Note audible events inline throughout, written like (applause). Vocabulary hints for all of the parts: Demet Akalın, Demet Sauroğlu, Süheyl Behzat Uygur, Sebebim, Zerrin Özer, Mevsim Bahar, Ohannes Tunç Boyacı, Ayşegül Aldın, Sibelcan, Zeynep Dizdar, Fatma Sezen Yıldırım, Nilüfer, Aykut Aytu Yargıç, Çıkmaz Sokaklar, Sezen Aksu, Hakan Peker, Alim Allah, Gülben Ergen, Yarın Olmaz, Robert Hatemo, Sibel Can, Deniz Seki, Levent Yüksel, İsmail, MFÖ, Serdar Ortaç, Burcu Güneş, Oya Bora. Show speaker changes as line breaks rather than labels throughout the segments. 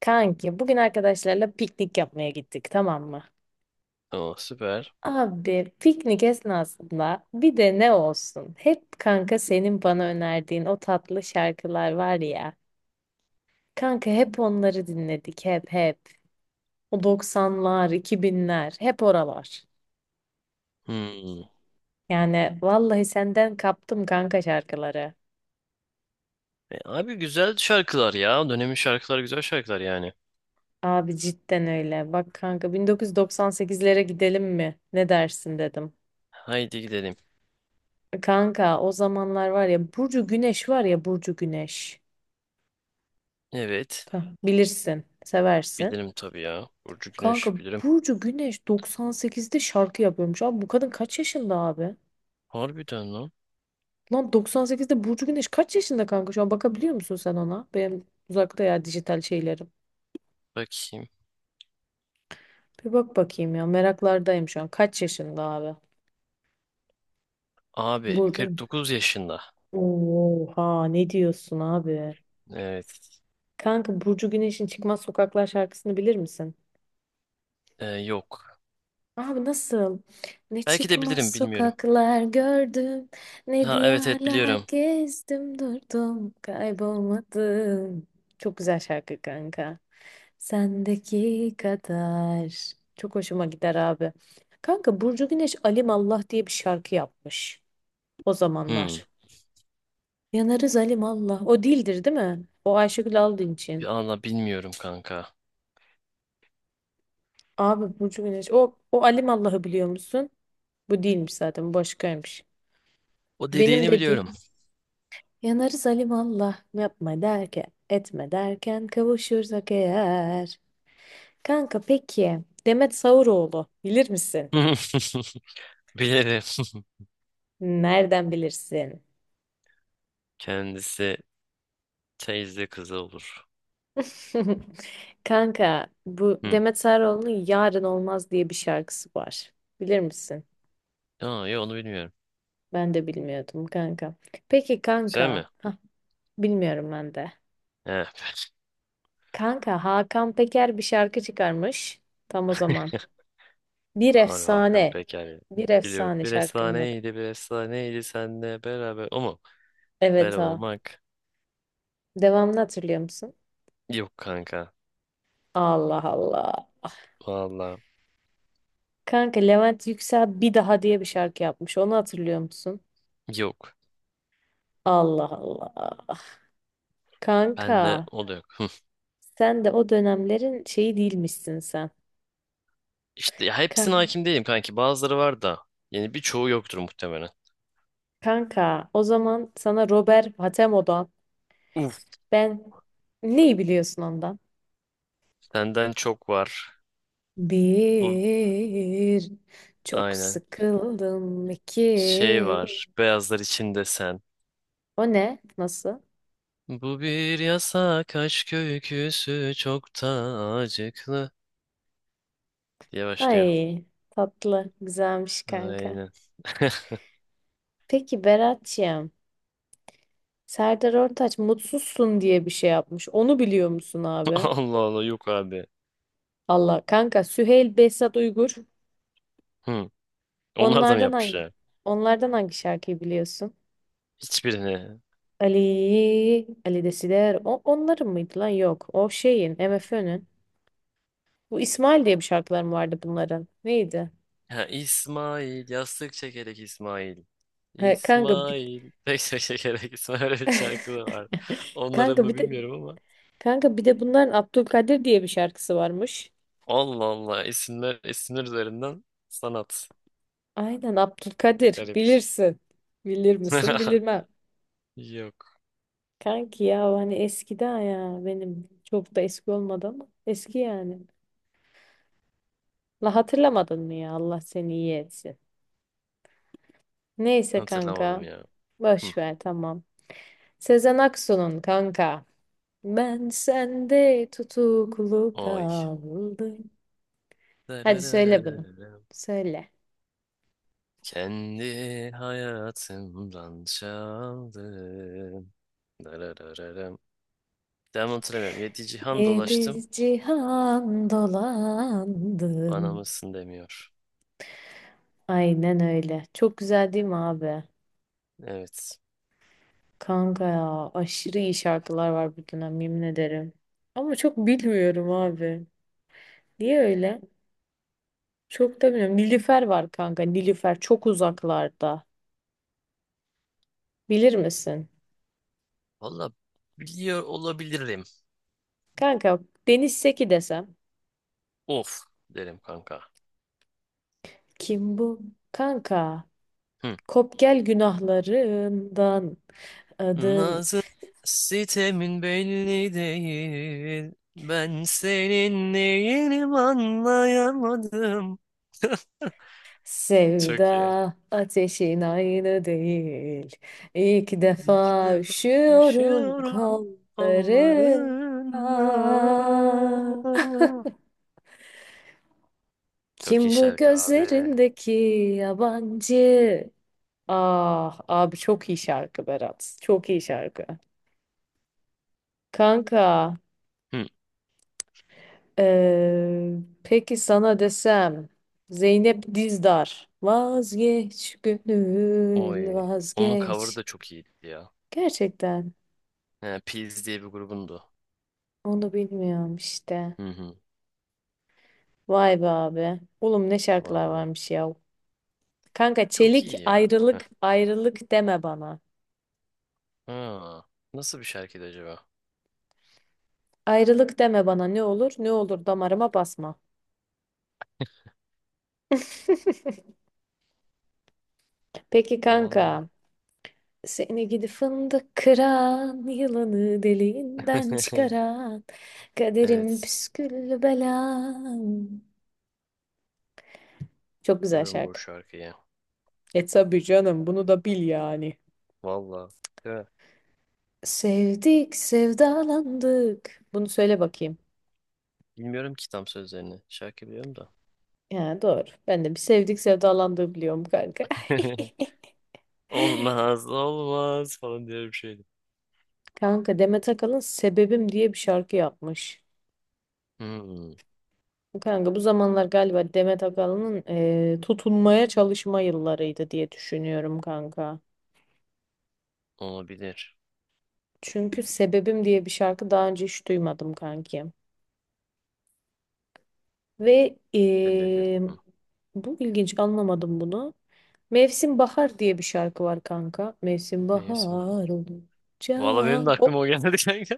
Kanki bugün arkadaşlarla piknik yapmaya gittik, tamam mı?
Oo, süper.
Abi piknik esnasında bir de ne olsun? Hep kanka senin bana önerdiğin o tatlı şarkılar var ya. Kanka hep onları dinledik hep hep. O 90'lar, 2000'ler hep oralar.
Hmm.
Yani vallahi senden kaptım kanka şarkıları.
Abi güzel şarkılar ya. Dönemin şarkılar güzel şarkılar yani.
Abi cidden öyle. Bak kanka 1998'lere gidelim mi? Ne dersin dedim.
Haydi gidelim.
Kanka o zamanlar var ya Burcu Güneş var ya Burcu Güneş.
Evet.
Hah, bilirsin, seversin.
Bilirim tabii ya. Burcu
Kanka
Güneş bilirim.
Burcu Güneş 98'de şarkı yapıyormuş. Abi bu kadın kaç yaşında abi?
Harbiden lan.
Lan 98'de Burcu Güneş kaç yaşında kanka? Şu an bakabiliyor musun sen ona? Benim uzakta ya dijital şeylerim.
Bakayım.
Bir bak bakayım ya, meraklardayım şu an. Kaç yaşında abi?
Abi
Burcu.
49 yaşında.
Oha, ne diyorsun abi?
Evet.
Kanka Burcu Güneş'in Çıkmaz Sokaklar şarkısını bilir misin?
Yok.
Abi nasıl? Ne
Belki de
çıkmaz
bilirim bilmiyorum.
sokaklar gördüm, ne
Ha, evet evet
diyarlar
biliyorum.
gezdim durdum, kaybolmadım. Çok güzel şarkı kanka. Sendeki kadar. Çok hoşuma gider abi. Kanka Burcu Güneş Alim Allah diye bir şarkı yapmış o
Hmm.
zamanlar. Yanarız Alim Allah. O değildir, değil mi? O Ayşegül Aldın
Bir
için.
anda bilmiyorum kanka.
Abi Burcu Güneş. O Alim Allah'ı biliyor musun? Bu değilmiş zaten, bu başkaymış.
O
Benim
dediğini
dediğim,
biliyorum.
yanarız alimallah, yapma derken, etme derken, kavuşursak eğer. Kanka peki Demet Sauroğlu bilir misin?
(laughs) Bilirim.
Nereden bilirsin?
(laughs) Kendisi teyze kızı olur.
(laughs) Kanka bu
Hmm.
Demet Sauroğlu'nun Yarın Olmaz diye bir şarkısı var. Bilir misin?
Aa, yok onu bilmiyorum.
Ben de bilmiyordum kanka. Peki
Güzel
kanka.
mi?
Hah, bilmiyorum ben de.
Evet.
Kanka Hakan Peker bir şarkı çıkarmış. Tam o zaman. Bir
Abi Hakan
efsane.
Peker.
Bir
Biliyorum.
efsane,
Bir
şarkının adı.
efsaneydi, bir efsaneydi senle beraber. O mu?
Evet,
Beraber
ha.
olmak.
Devamını hatırlıyor musun?
Yok kanka.
Allah Allah.
Valla
Kanka Levent Yüksel Bir Daha diye bir şarkı yapmış. Onu hatırlıyor musun?
yok.
Allah Allah. Kanka
Bende o da yok. Hı.
sen de o dönemlerin şeyi değilmişsin sen.
İşte ya
Ka-
hepsine hakim değilim kanki. Bazıları var da. Yani birçoğu yoktur muhtemelen.
Kanka o zaman sana Robert Hatemo'dan
Uf.
ben, neyi biliyorsun ondan?
Senden çok var. Bu
Bir, çok
aynen.
sıkıldım
Şey
iki.
var. Beyazlar içinde sen.
O ne? Nasıl?
Bu bir yasak aşk öyküsü çok da acıklı diye başlıyor.
Ay, tatlı güzelmiş kanka.
Aynen. (laughs)
Peki Berat'ciğim, Serdar Ortaç mutsuzsun diye bir şey yapmış. Onu biliyor musun abi?
Allah Allah, yok abi.
Allah kanka, Süheyl Behzat Uygur.
Hı. Onlar da mı
Onlardan
yapmış
hangi
ya?
onlardan hangi şarkıyı biliyorsun?
Hiçbirini.
Ali, Ali Desider. O, onların mıydı lan? Yok. O şeyin, MFÖ'nün. Bu İsmail diye bir şarkılar mı vardı bunların? Neydi?
Ha, İsmail. Yastık çekerek İsmail.
He,
İsmail. (laughs) Pek çekerek İsmail. Öyle bir şarkı da
(laughs)
var. Onları
kanka
mı
bir de
bilmiyorum ama.
kanka bir de bunların Abdülkadir diye bir şarkısı varmış.
Allah Allah. İsimler, isimler üzerinden sanat.
Aynen Abdülkadir,
Garip.
bilirsin. Bilir misin?
(laughs)
Bilirmem.
Yok.
Kanki ya, o hani eskiden ya, benim çok da eski olmadı ama eski yani. La, hatırlamadın mı ya, Allah seni iyi etsin. Neyse kanka,
Hatırlamadım ya. Hı.
boş ver, tamam. Sezen Aksu'nun kanka. Ben sende tutuklu
Oy.
kaldım. Hadi söyle bunu.
Dararararararam.
Söyle.
Kendi hayatımdan çaldım. Dararararam. Devamını hatırlamıyorum. Yedi cihan
Yedi
dolaştım.
cihan
Bana
dolandım.
mısın demiyor.
Aynen öyle. Çok güzel, değil mi abi?
Evet.
Kanka ya aşırı iyi şarkılar var bu dönem, yemin ederim. Ama çok bilmiyorum abi. Niye öyle? Çok da bilmiyorum. Nilüfer var kanka. Nilüfer çok uzaklarda. Bilir misin?
Valla biliyor olabilirim.
Kanka Deniz Seki desem.
Of derim kanka.
Kim bu? Kanka.
Hı.
Kop gel günahlarından, adın,
Nazın sitemin belli değil. Ben senin neyinim anlayamadım. (laughs) Çok iyi.
sevda ateşin aynı değil. İlk
İlk
defa
defa
üşüyorum
düşüyorum
kollarından.
onlarında. Çok iyi
Kim bu
şarkı abi.
gözlerindeki yabancı? Ah abi, çok iyi şarkı Berat. Çok iyi şarkı. Kanka
Hı.
eee, peki sana desem Zeynep Dizdar. Vazgeç gönül
Oy. Onun cover'ı
vazgeç.
da çok iyiydi ya.
Gerçekten
He, Peas diye bir grubundu.
onu bilmiyorum işte.
Hı hı.
Vay be abi. Oğlum, ne şarkılar
Vallahi.
varmış ya. Kanka
Çok
Çelik,
iyi ya. Heh.
ayrılık ayrılık deme bana.
Ha. Nasıl bir şarkıydı acaba?
Ayrılık deme bana, ne olur ne olur damarıma basma. Peki
Vallahi.
kanka, seni gidi fındık kıran, yılanı deliğinden
(laughs)
çıkaran, kaderim
Evet.
püsküllü belam. Çok güzel
Biliyorum bu
şarkı.
şarkıyı.
E tabii canım, bunu da bil yani.
Vallahi. Değil mi?
Sevdik, sevdalandık. Bunu söyle bakayım.
Bilmiyorum ki tam sözlerini. Şarkı biliyorum da.
Ya doğru. Ben de bir sevdik sevdalandığı biliyorum kanka. (laughs)
(laughs) Olmaz olmaz falan diye bir şeydi.
Kanka Demet Akalın Sebebim diye bir şarkı yapmış.
Hmm,
Kanka bu zamanlar galiba Demet Akalın'ın tutunmaya çalışma yıllarıydı diye düşünüyorum kanka.
olabilir.
Çünkü Sebebim diye bir şarkı daha önce hiç duymadım kanki. Ve
Sebebi. Hı.
bu ilginç, anlamadım bunu. Mevsim Bahar diye bir şarkı var kanka. Mevsim
Mevsim.
bahar olunca,
Valla benim de aklıma
o
o geldi kanka.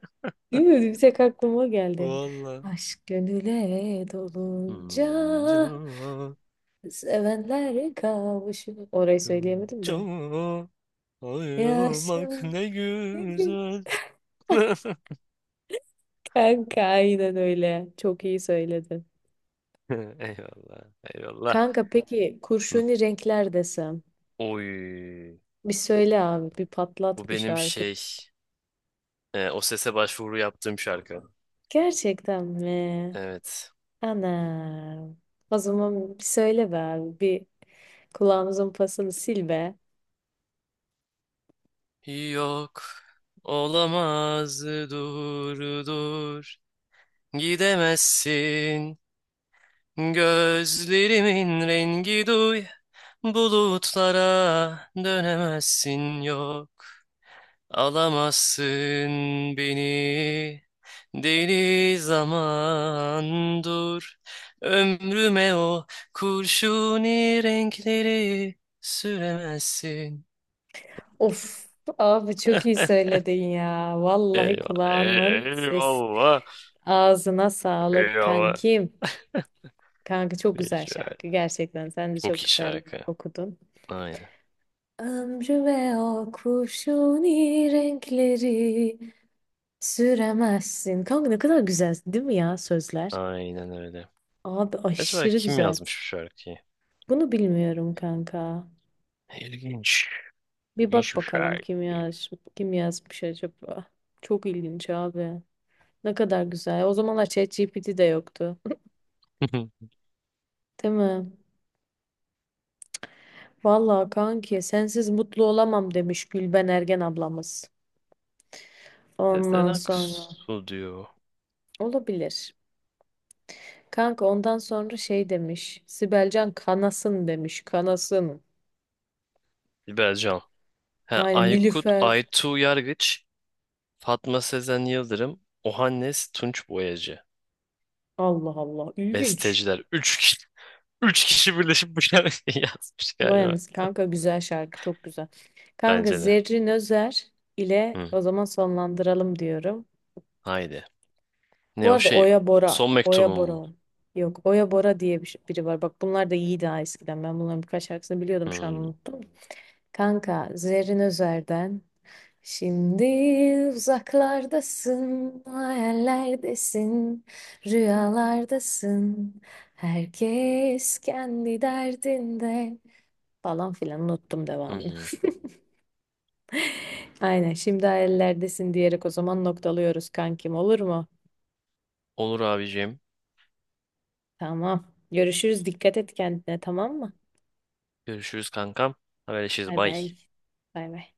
değil mi? Bir tek aklıma
(laughs)
geldi.
Vallahi.
Aşk gönüle dolunca
Hmm, can,
sevenler kavuşur. Orayı söyleyemedim de.
can,
Ya Yaşa.
ayrılmak ne
(laughs)
güzel. (laughs)
Kanka aynen öyle. Çok iyi söyledin.
(laughs) Eyvallah. Eyvallah.
Kanka peki
Hı.
kurşuni renkler desem.
Oy.
Bir söyle abi, bir
Bu
patlat bir
benim
şarkı.
şey. O sese başvuru yaptığım şarkı.
Gerçekten mi?
Evet.
Ana. O zaman bir söyle be abi. Bir kulağımızın pasını sil be.
Yok. Olamaz, dur. Gidemezsin. Gözlerimin rengi duy. Bulutlara dönemezsin yok. Alamazsın beni deli zaman dur, ömrüme o kurşuni renkleri süremezsin.
Of abi, çok iyi
(laughs)
söyledin ya. Vallahi
Eyvah,
kulağının ses.
eyvallah,
Ağzına sağlık
eyvallah.
kankim. Kanka çok güzel
Değişik.
şarkı. Gerçekten sen de
Çok
çok
iyi
güzel
şarkı.
okudun.
Aynen,
Ömrü ve o kurşuni renkleri süremezsin. Kanka ne kadar güzel değil mi ya, sözler?
aynen öyle.
Abi
Acaba
aşırı
kim
güzel.
yazmış bu şarkıyı?
Bunu bilmiyorum kanka.
İlginç,
Bir
ilginç
bak
bir
bakalım,
şarkı.
kim yazmış acaba. Çok ilginç abi. Ne kadar güzel. O zamanlar ChatGPT de yoktu.
(laughs)
Değil mi? Vallahi kanki, sensiz mutlu olamam demiş Gülben Ergen ablamız.
Sezen
Ondan sonra
Aksu diyor.
olabilir. Kanka ondan sonra şey demiş. Sibelcan, kanasın demiş. Kanasın.
Sibel Can. He,
Aynen
Aykut
Nilüfer.
Aytu Yargıç, Fatma Sezen Yıldırım, Ohannes Tunç Boyacı.
Allah Allah. İlginç.
Besteciler. (laughs) Üç kişi birleşip bu şarkıyı (laughs) yazmış
Vay
galiba.
anasını kanka, güzel şarkı. Çok güzel. Kanka
Bence de.
Zerrin Özer ile
Hı,
o zaman sonlandıralım diyorum.
haydi.
Bu
Ne o
arada
şey?
Oya Bora.
Son mektubum mu?
Var. Yok, Oya Bora diye biri var. Bak bunlar da iyi, daha eskiden. Ben bunların birkaç şarkısını biliyordum, şu an
Hı,
unuttum. Kanka Zerrin Özer'den. Şimdi uzaklardasın, hayallerdesin, rüyalardasın. Herkes kendi derdinde, falan filan, unuttum
hı,
devamını.
hı.
(laughs) Aynen, şimdi hayallerdesin diyerek o zaman noktalıyoruz kankim, olur mu?
Olur abicim.
Tamam. Görüşürüz. Dikkat et kendine, tamam mı?
Görüşürüz kankam. Haberleşiriz.
Bay
Bay.
bay. Bay bay.